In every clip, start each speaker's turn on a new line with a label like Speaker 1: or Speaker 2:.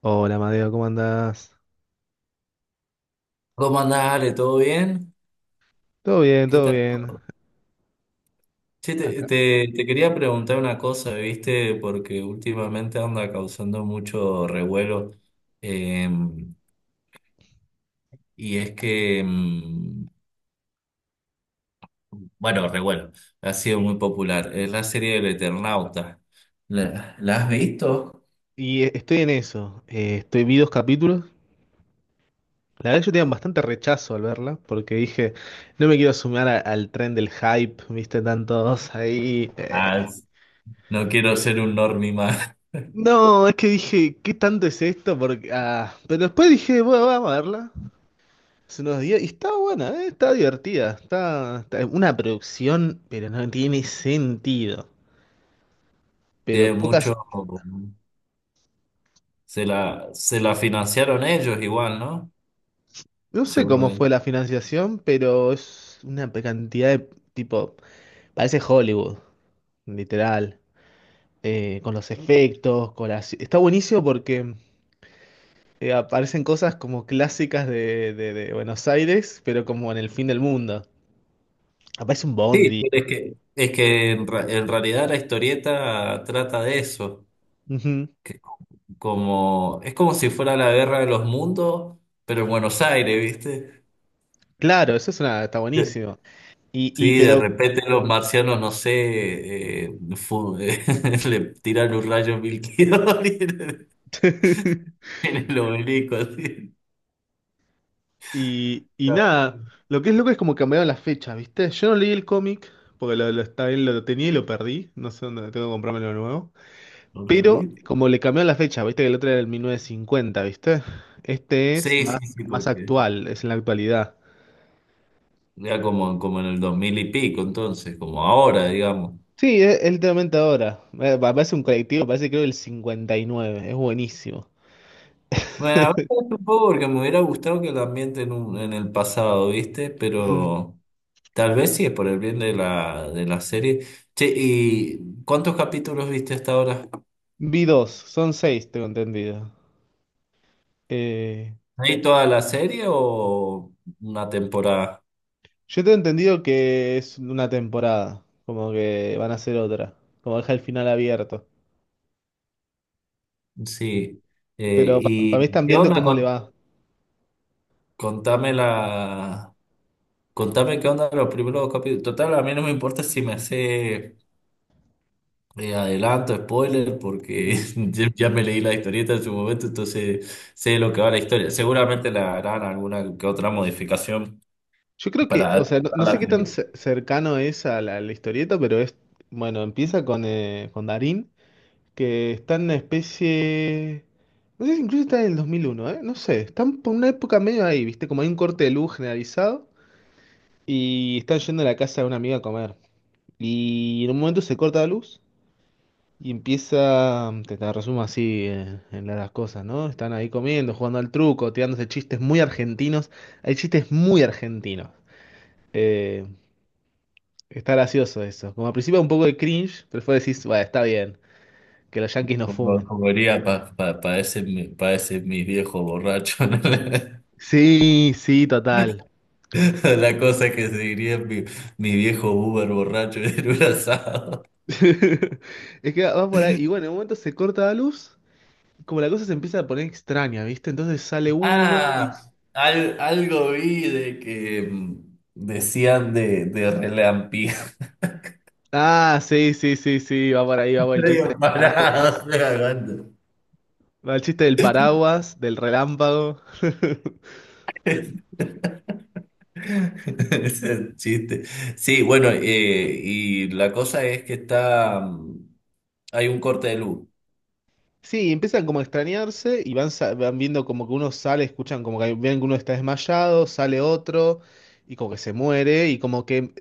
Speaker 1: Hola, Madeo, ¿cómo andás?
Speaker 2: ¿Cómo andás, Ale? ¿Todo bien?
Speaker 1: Todo bien,
Speaker 2: ¿Qué
Speaker 1: todo
Speaker 2: tal
Speaker 1: bien.
Speaker 2: todo? Che, te,
Speaker 1: Acá.
Speaker 2: te- te quería preguntar una cosa, ¿viste? Porque últimamente anda causando mucho revuelo. eh, y es que, bueno, revuelo, ha sido muy popular. Es la serie del Eternauta. ¿La has visto?
Speaker 1: Y estoy en eso. Vi dos capítulos. La verdad, yo tenía bastante rechazo al verla, porque dije, no me quiero sumar al tren del hype, viste, tantos ahí.
Speaker 2: Ah, no quiero ser un normie más.
Speaker 1: No, es que dije, ¿qué tanto es esto? Pero después dije, bueno, vamos a verla. Hace unos días. Y está buena, está divertida. Una producción, pero no tiene sentido.
Speaker 2: Tiene
Speaker 1: Pero pocas.
Speaker 2: mucho. Se la financiaron ellos igual, ¿no?
Speaker 1: No sé
Speaker 2: Según lo
Speaker 1: cómo
Speaker 2: que
Speaker 1: fue la financiación, pero es una cantidad de tipo, parece Hollywood, literal, con los efectos, con las- Está buenísimo porque aparecen cosas como clásicas de Buenos Aires, pero como en el fin del mundo. Aparece un
Speaker 2: sí,
Speaker 1: bondi.
Speaker 2: es que, en realidad la historieta trata de eso,
Speaker 1: Ujú.
Speaker 2: que como, es como si fuera la guerra de los mundos, pero en Buenos Aires, ¿viste?
Speaker 1: Claro, eso es una, está
Speaker 2: De-
Speaker 1: buenísimo. Y
Speaker 2: Sí, de
Speaker 1: pero
Speaker 2: repente los marcianos, no sé, le tiran un rayo mil kilómetros en el obelisco, así.
Speaker 1: y nada, lo que es loco es como cambiaron las fechas, ¿viste? Yo no leí el cómic, porque está bien, lo tenía y lo perdí, no sé dónde tengo que comprármelo de nuevo.
Speaker 2: ¿Entendí?
Speaker 1: Pero como le cambió la fecha, viste que el otro era el 1950, ¿viste? Este es
Speaker 2: Sí, sí,
Speaker 1: más,
Speaker 2: sí,
Speaker 1: más
Speaker 2: porque
Speaker 1: actual, es en la actualidad.
Speaker 2: ya como, como en el dos mil y pico, entonces, como ahora, digamos.
Speaker 1: Sí, es literalmente ahora. Parece un colectivo, parece creo el 59, es buenísimo.
Speaker 2: Bueno, a veces un poco porque me hubiera gustado que el ambiente en el pasado, ¿viste?
Speaker 1: Mm.
Speaker 2: Pero tal vez sí es por el bien de la serie. Che, ¿y cuántos capítulos viste hasta ahora?
Speaker 1: Vi dos, son seis, tengo entendido. Eh,
Speaker 2: ¿Hay toda la serie o una temporada?
Speaker 1: yo tengo entendido que es una temporada, como que van a hacer otra, como deja el final abierto.
Speaker 2: Sí.
Speaker 1: Pero para mí
Speaker 2: ¿Y
Speaker 1: están
Speaker 2: qué
Speaker 1: viendo
Speaker 2: onda
Speaker 1: cómo le
Speaker 2: con,
Speaker 1: va.
Speaker 2: contame la, contame qué onda los primeros capítulos? Total, a mí no me importa si me sé eh, adelanto, spoiler, porque
Speaker 1: Sí.
Speaker 2: ya me leí la historieta en su momento, entonces sé de lo que va la historia. Seguramente le harán alguna que otra modificación
Speaker 1: Yo creo que,
Speaker 2: para
Speaker 1: o sea, no sé
Speaker 2: adaptarla,
Speaker 1: qué tan cercano es a la historieta, pero es, bueno, empieza con Darín, que está en una especie, no sé si incluso está en el 2001, ¿eh? No sé, están por una época medio ahí, ¿viste? Como hay un corte de luz generalizado y están yendo a la casa de una amiga a comer. Y en un momento se corta la luz y empieza, te resumo así en las cosas, ¿no? Están ahí comiendo, jugando al truco, tirándose chistes muy argentinos. Hay chistes muy argentinos. Eh, Está gracioso eso. Como al principio un poco de cringe, pero después decís, bueno, está bien, que los yankees no
Speaker 2: como,
Speaker 1: fumen.
Speaker 2: como diría, para pa ese mi viejo borracho. ¿no?
Speaker 1: Sí, sí, total.
Speaker 2: La la cosa que se diría mi viejo Uber borracho en un asado.
Speaker 1: Es que va por ahí. Y bueno, en un momento se corta la luz, como la cosa se empieza a poner extraña, ¿viste? Entonces sale uno y...
Speaker 2: Ah, algo vi de que decían de relampi.
Speaker 1: Ah, sí, sí, sí, sí, va por ahí, va por el chiste del
Speaker 2: Medio parado,
Speaker 1: paraguas.
Speaker 2: estoy hablando.
Speaker 1: Va el chiste del paraguas, del relámpago.
Speaker 2: Ese chiste. Sí, bueno, y la cosa es que está, hay un corte de luz.
Speaker 1: Sí, empiezan como a extrañarse y van viendo como que uno sale, escuchan como que ven que uno está desmayado, sale otro y como que se muere y como que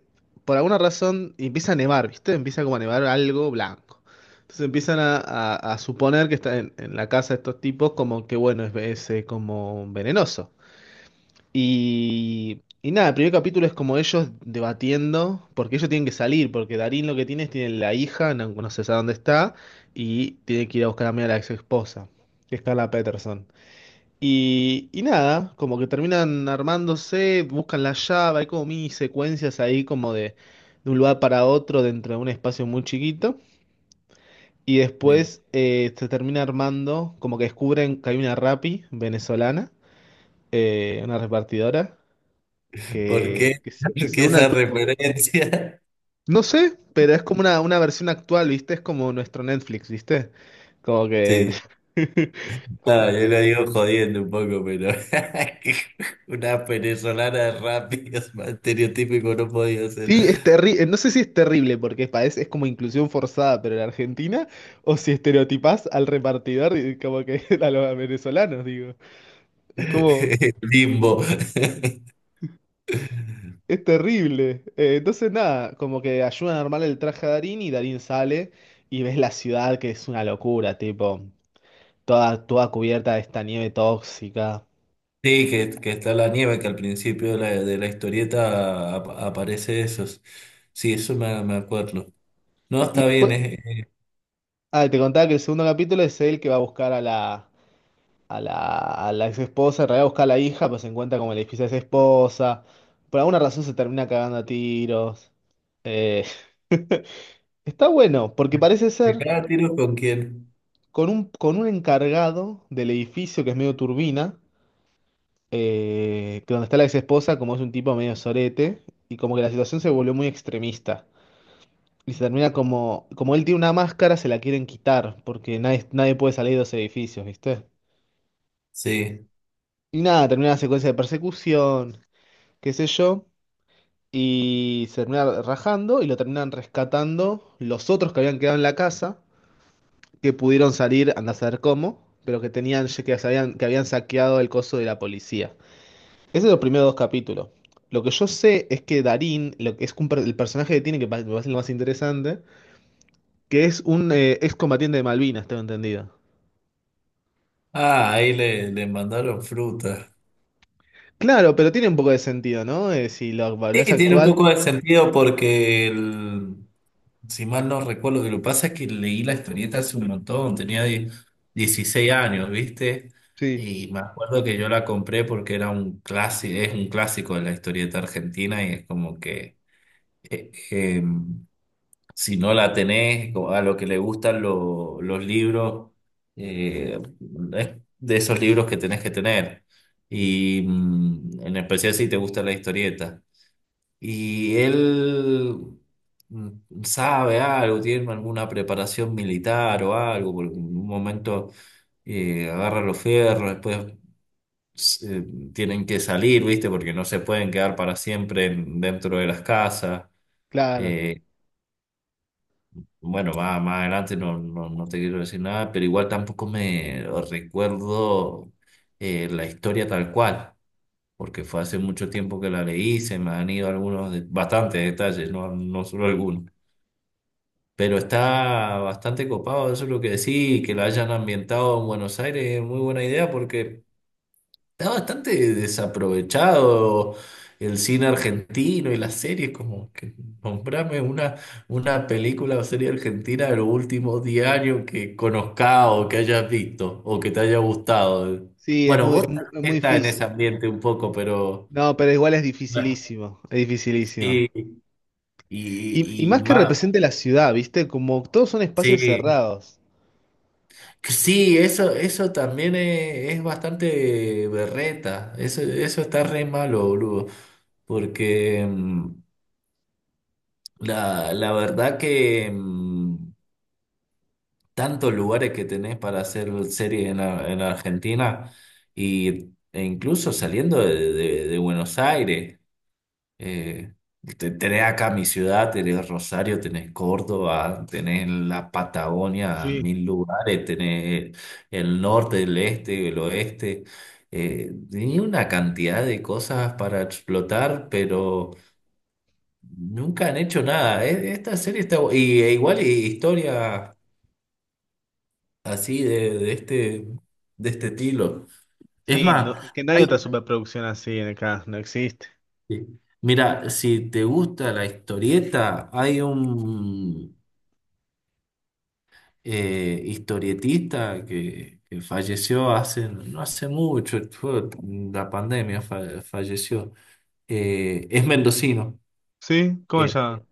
Speaker 1: por alguna razón empieza a nevar, ¿viste? Empieza como a nevar algo blanco. Entonces empiezan a suponer que está en la casa de estos tipos como que bueno, como venenoso. Y nada, el primer capítulo es como ellos debatiendo, porque ellos tienen que salir, porque Darín lo que tiene es tiene la hija, no, no se sabe dónde está, y tiene que ir a buscar a Mia, la ex esposa, que es Carla Peterson. Y nada, como que terminan armándose, buscan la llave, hay como mini secuencias ahí como de un lugar para otro dentro de un espacio muy chiquito. Y
Speaker 2: Sí.
Speaker 1: después se termina armando, como que descubren que hay una rapi venezolana, una repartidora
Speaker 2: ¿Por qué?
Speaker 1: que, que se que
Speaker 2: ¿Por
Speaker 1: se
Speaker 2: qué
Speaker 1: une al-
Speaker 2: esa referencia?
Speaker 1: No sé, pero es como una versión actual, ¿viste? Es como nuestro Netflix, ¿viste? Como que...
Speaker 2: Sí,
Speaker 1: como-
Speaker 2: ah, yo lo digo jodiendo un poco, pero una venezolana rápida, más estereotípico no podía ser.
Speaker 1: Sí, es terrible, no sé si es terrible porque parece, es como inclusión forzada, pero en Argentina, o si estereotipás al repartidor y como que a los venezolanos, digo. Es como,
Speaker 2: Limbo.
Speaker 1: es terrible. Entonces nada, como que ayudan a armar el traje a Darín y Darín sale y ves la ciudad que es una locura, tipo, toda, toda cubierta de esta nieve tóxica.
Speaker 2: Sí, que está la nieve, que al principio de la historieta aparece eso. Sí, eso me acuerdo. No,
Speaker 1: Y
Speaker 2: está bien,
Speaker 1: después,
Speaker 2: es,
Speaker 1: te contaba que el segundo capítulo es él que va a buscar a la, a la ex esposa, en realidad busca a la hija, pues se encuentra como en el edificio de esa esposa. Por alguna razón se termina cagando a tiros. Eh, está bueno, porque parece
Speaker 2: ¿se
Speaker 1: ser
Speaker 2: cada tiro con quién?
Speaker 1: con un encargado del edificio que es medio turbina, que donde está la ex esposa, como es un tipo medio sorete, y como que la situación se volvió muy extremista. Y se termina como él tiene una máscara, se la quieren quitar, porque nadie, nadie puede salir de los edificios, ¿viste?
Speaker 2: Sí.
Speaker 1: Y nada, termina la secuencia de persecución, qué sé yo, y se termina rajando y lo terminan rescatando los otros que habían quedado en la casa, que pudieron salir, anda a saber cómo, pero que tenían, que sabían, que habían saqueado el coso de la policía. Ese es los primeros dos capítulos. Lo que yo sé es que Darín, lo que es un el personaje que tiene, que me parece lo más interesante, que es un excombatiente de Malvinas, tengo entendido.
Speaker 2: Ah, ahí le mandaron fruta.
Speaker 1: Claro, pero tiene un poco de sentido, ¿no? Si lo
Speaker 2: Sí,
Speaker 1: es
Speaker 2: tiene un
Speaker 1: actual,
Speaker 2: poco de sentido porque el- si mal no recuerdo, lo que pasa es que leí la historieta hace un montón, 16 años, ¿viste?
Speaker 1: sí,
Speaker 2: Y me acuerdo que yo la compré porque era un clásico, es un clásico de la historieta argentina y es como que eh, eh, si no la tenés, o a lo que le gustan los libros, eh, es de esos libros que tenés que tener. Y en especial si te gusta la historieta. Y él sabe algo, tiene alguna preparación militar o algo, porque en un momento agarra los fierros, después s- eh, tienen que salir, ¿viste? Porque no se pueden quedar para siempre en- dentro de las casas.
Speaker 1: claro.
Speaker 2: eh, Bueno, más, más adelante no, no, no te quiero decir nada, pero igual tampoco me recuerdo la historia tal cual, porque fue hace mucho tiempo que la leí, se me han ido algunos, bastantes detalles, no, no solo algunos. Pero está bastante copado, eso es lo que decís, que la hayan ambientado en Buenos Aires es muy buena idea porque... Está bastante desaprovechado el cine argentino y las series, como que nombrame una película o serie argentina de los últimos 10 años que conozcas o que hayas visto o que te haya gustado.
Speaker 1: Sí,
Speaker 2: Bueno, vos
Speaker 1: es
Speaker 2: también
Speaker 1: muy
Speaker 2: estás en ese
Speaker 1: difícil.
Speaker 2: ambiente un poco, pero
Speaker 1: No, pero igual es
Speaker 2: bueno,
Speaker 1: dificilísimo, es dificilísimo.
Speaker 2: sí,
Speaker 1: Y
Speaker 2: y
Speaker 1: más que
Speaker 2: más.
Speaker 1: represente la ciudad, ¿viste? Como todos son espacios
Speaker 2: Sí,
Speaker 1: cerrados.
Speaker 2: sí, eso también es bastante berreta. Eso está re malo, boludo. Porque la, la verdad que tantos lugares que tenés para hacer series en, en Argentina y, e incluso saliendo de, de Buenos Aires. eh, tenés acá mi ciudad, tenés Rosario, tenés Córdoba, tenés la Patagonia,
Speaker 1: Sí,
Speaker 2: mil lugares, tenés el norte, el este, el oeste. Tenía una cantidad de cosas para explotar, pero... Nunca han hecho nada. E- Esta serie está... bu- Y e igual y historia así de este estilo. Es
Speaker 1: sí,
Speaker 2: más,
Speaker 1: que no hay otra
Speaker 2: hay...
Speaker 1: superproducción así en acá, no existe.
Speaker 2: sí. Mira, si te gusta la historieta, hay un historietista que falleció hace, no hace mucho, fue la pandemia falleció. Es mendocino,
Speaker 1: Sí, ¿cómo
Speaker 2: era,
Speaker 1: se llama?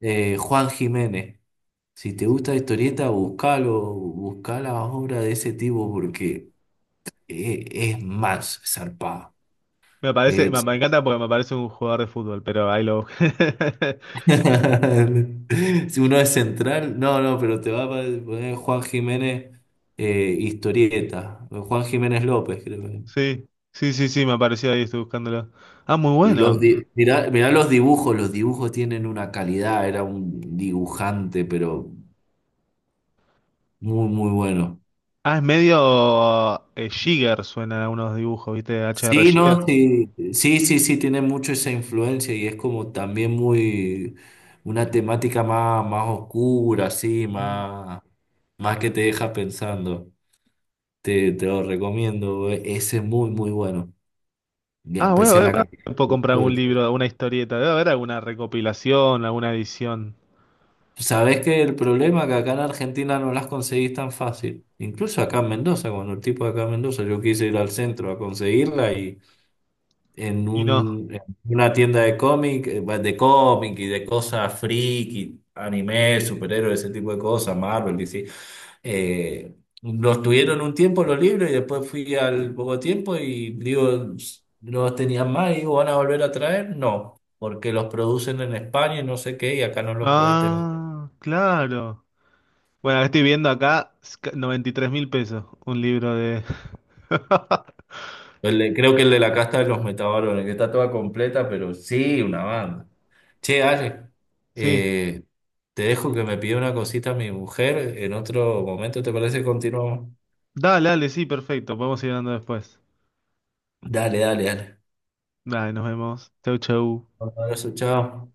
Speaker 2: Juan Jiménez. Si te gusta la historieta, buscalo, busca la obra de ese tipo porque es, más zarpado.
Speaker 1: Me parece, me,
Speaker 2: Es-
Speaker 1: me encanta porque me parece un jugador de fútbol, pero ahí lo busqué.
Speaker 2: Si uno es central, no, no, pero te va a poner Juan Jiménez historieta, Juan Jiménez López, creo que.
Speaker 1: Sí, sí, sí, sí, me apareció ahí, estoy buscándolo. Ah, muy
Speaker 2: Y los
Speaker 1: bueno.
Speaker 2: mirá, mirá los dibujos tienen una calidad, era un dibujante, pero muy, muy bueno.
Speaker 1: Ah, es medio Jigger, suena a unos dibujos, ¿viste? HR
Speaker 2: Sí,
Speaker 1: Jigger.
Speaker 2: no, sí, sí, sí, sí, tiene mucho esa influencia y es como también muy una temática más, más oscura, así,
Speaker 1: Mm.
Speaker 2: más, más que te deja pensando. Te lo recomiendo, ese es muy, muy bueno, y
Speaker 1: Ah, bueno,
Speaker 2: especial
Speaker 1: bueno,
Speaker 2: acá.
Speaker 1: bueno. Puedo comprar un libro, una historieta. Debe haber alguna recopilación, alguna edición.
Speaker 2: Sabes que el problema es que acá en Argentina no las conseguís tan fácil, incluso acá en Mendoza, cuando el tipo de acá en Mendoza, yo quise ir al centro a conseguirla
Speaker 1: Y no.
Speaker 2: en una tienda de cómic y de cosas friki, anime, superhéroes, ese tipo de cosas, Marvel, DC. Eh, los tuvieron un tiempo los libros y después fui al poco tiempo y digo, no los tenían más y digo, ¿van a volver a traer? No, porque los producen en España y no sé qué y acá no los puede tener.
Speaker 1: Ah, claro. Bueno, estoy viendo acá 93.000 pesos. Un libro de.
Speaker 2: El de- creo que el de la casta de los metabarones, que está toda completa, pero sí, una banda. Che, Ale,
Speaker 1: Sí.
Speaker 2: eh, te dejo que me pida una cosita mi mujer. En otro momento, ¿te parece? Continuamos.
Speaker 1: Dale, dale, sí, perfecto. Podemos ir hablando después.
Speaker 2: Dale, dale, dale.
Speaker 1: Dale, nos vemos. Chau, chau.
Speaker 2: Un abrazo, chao.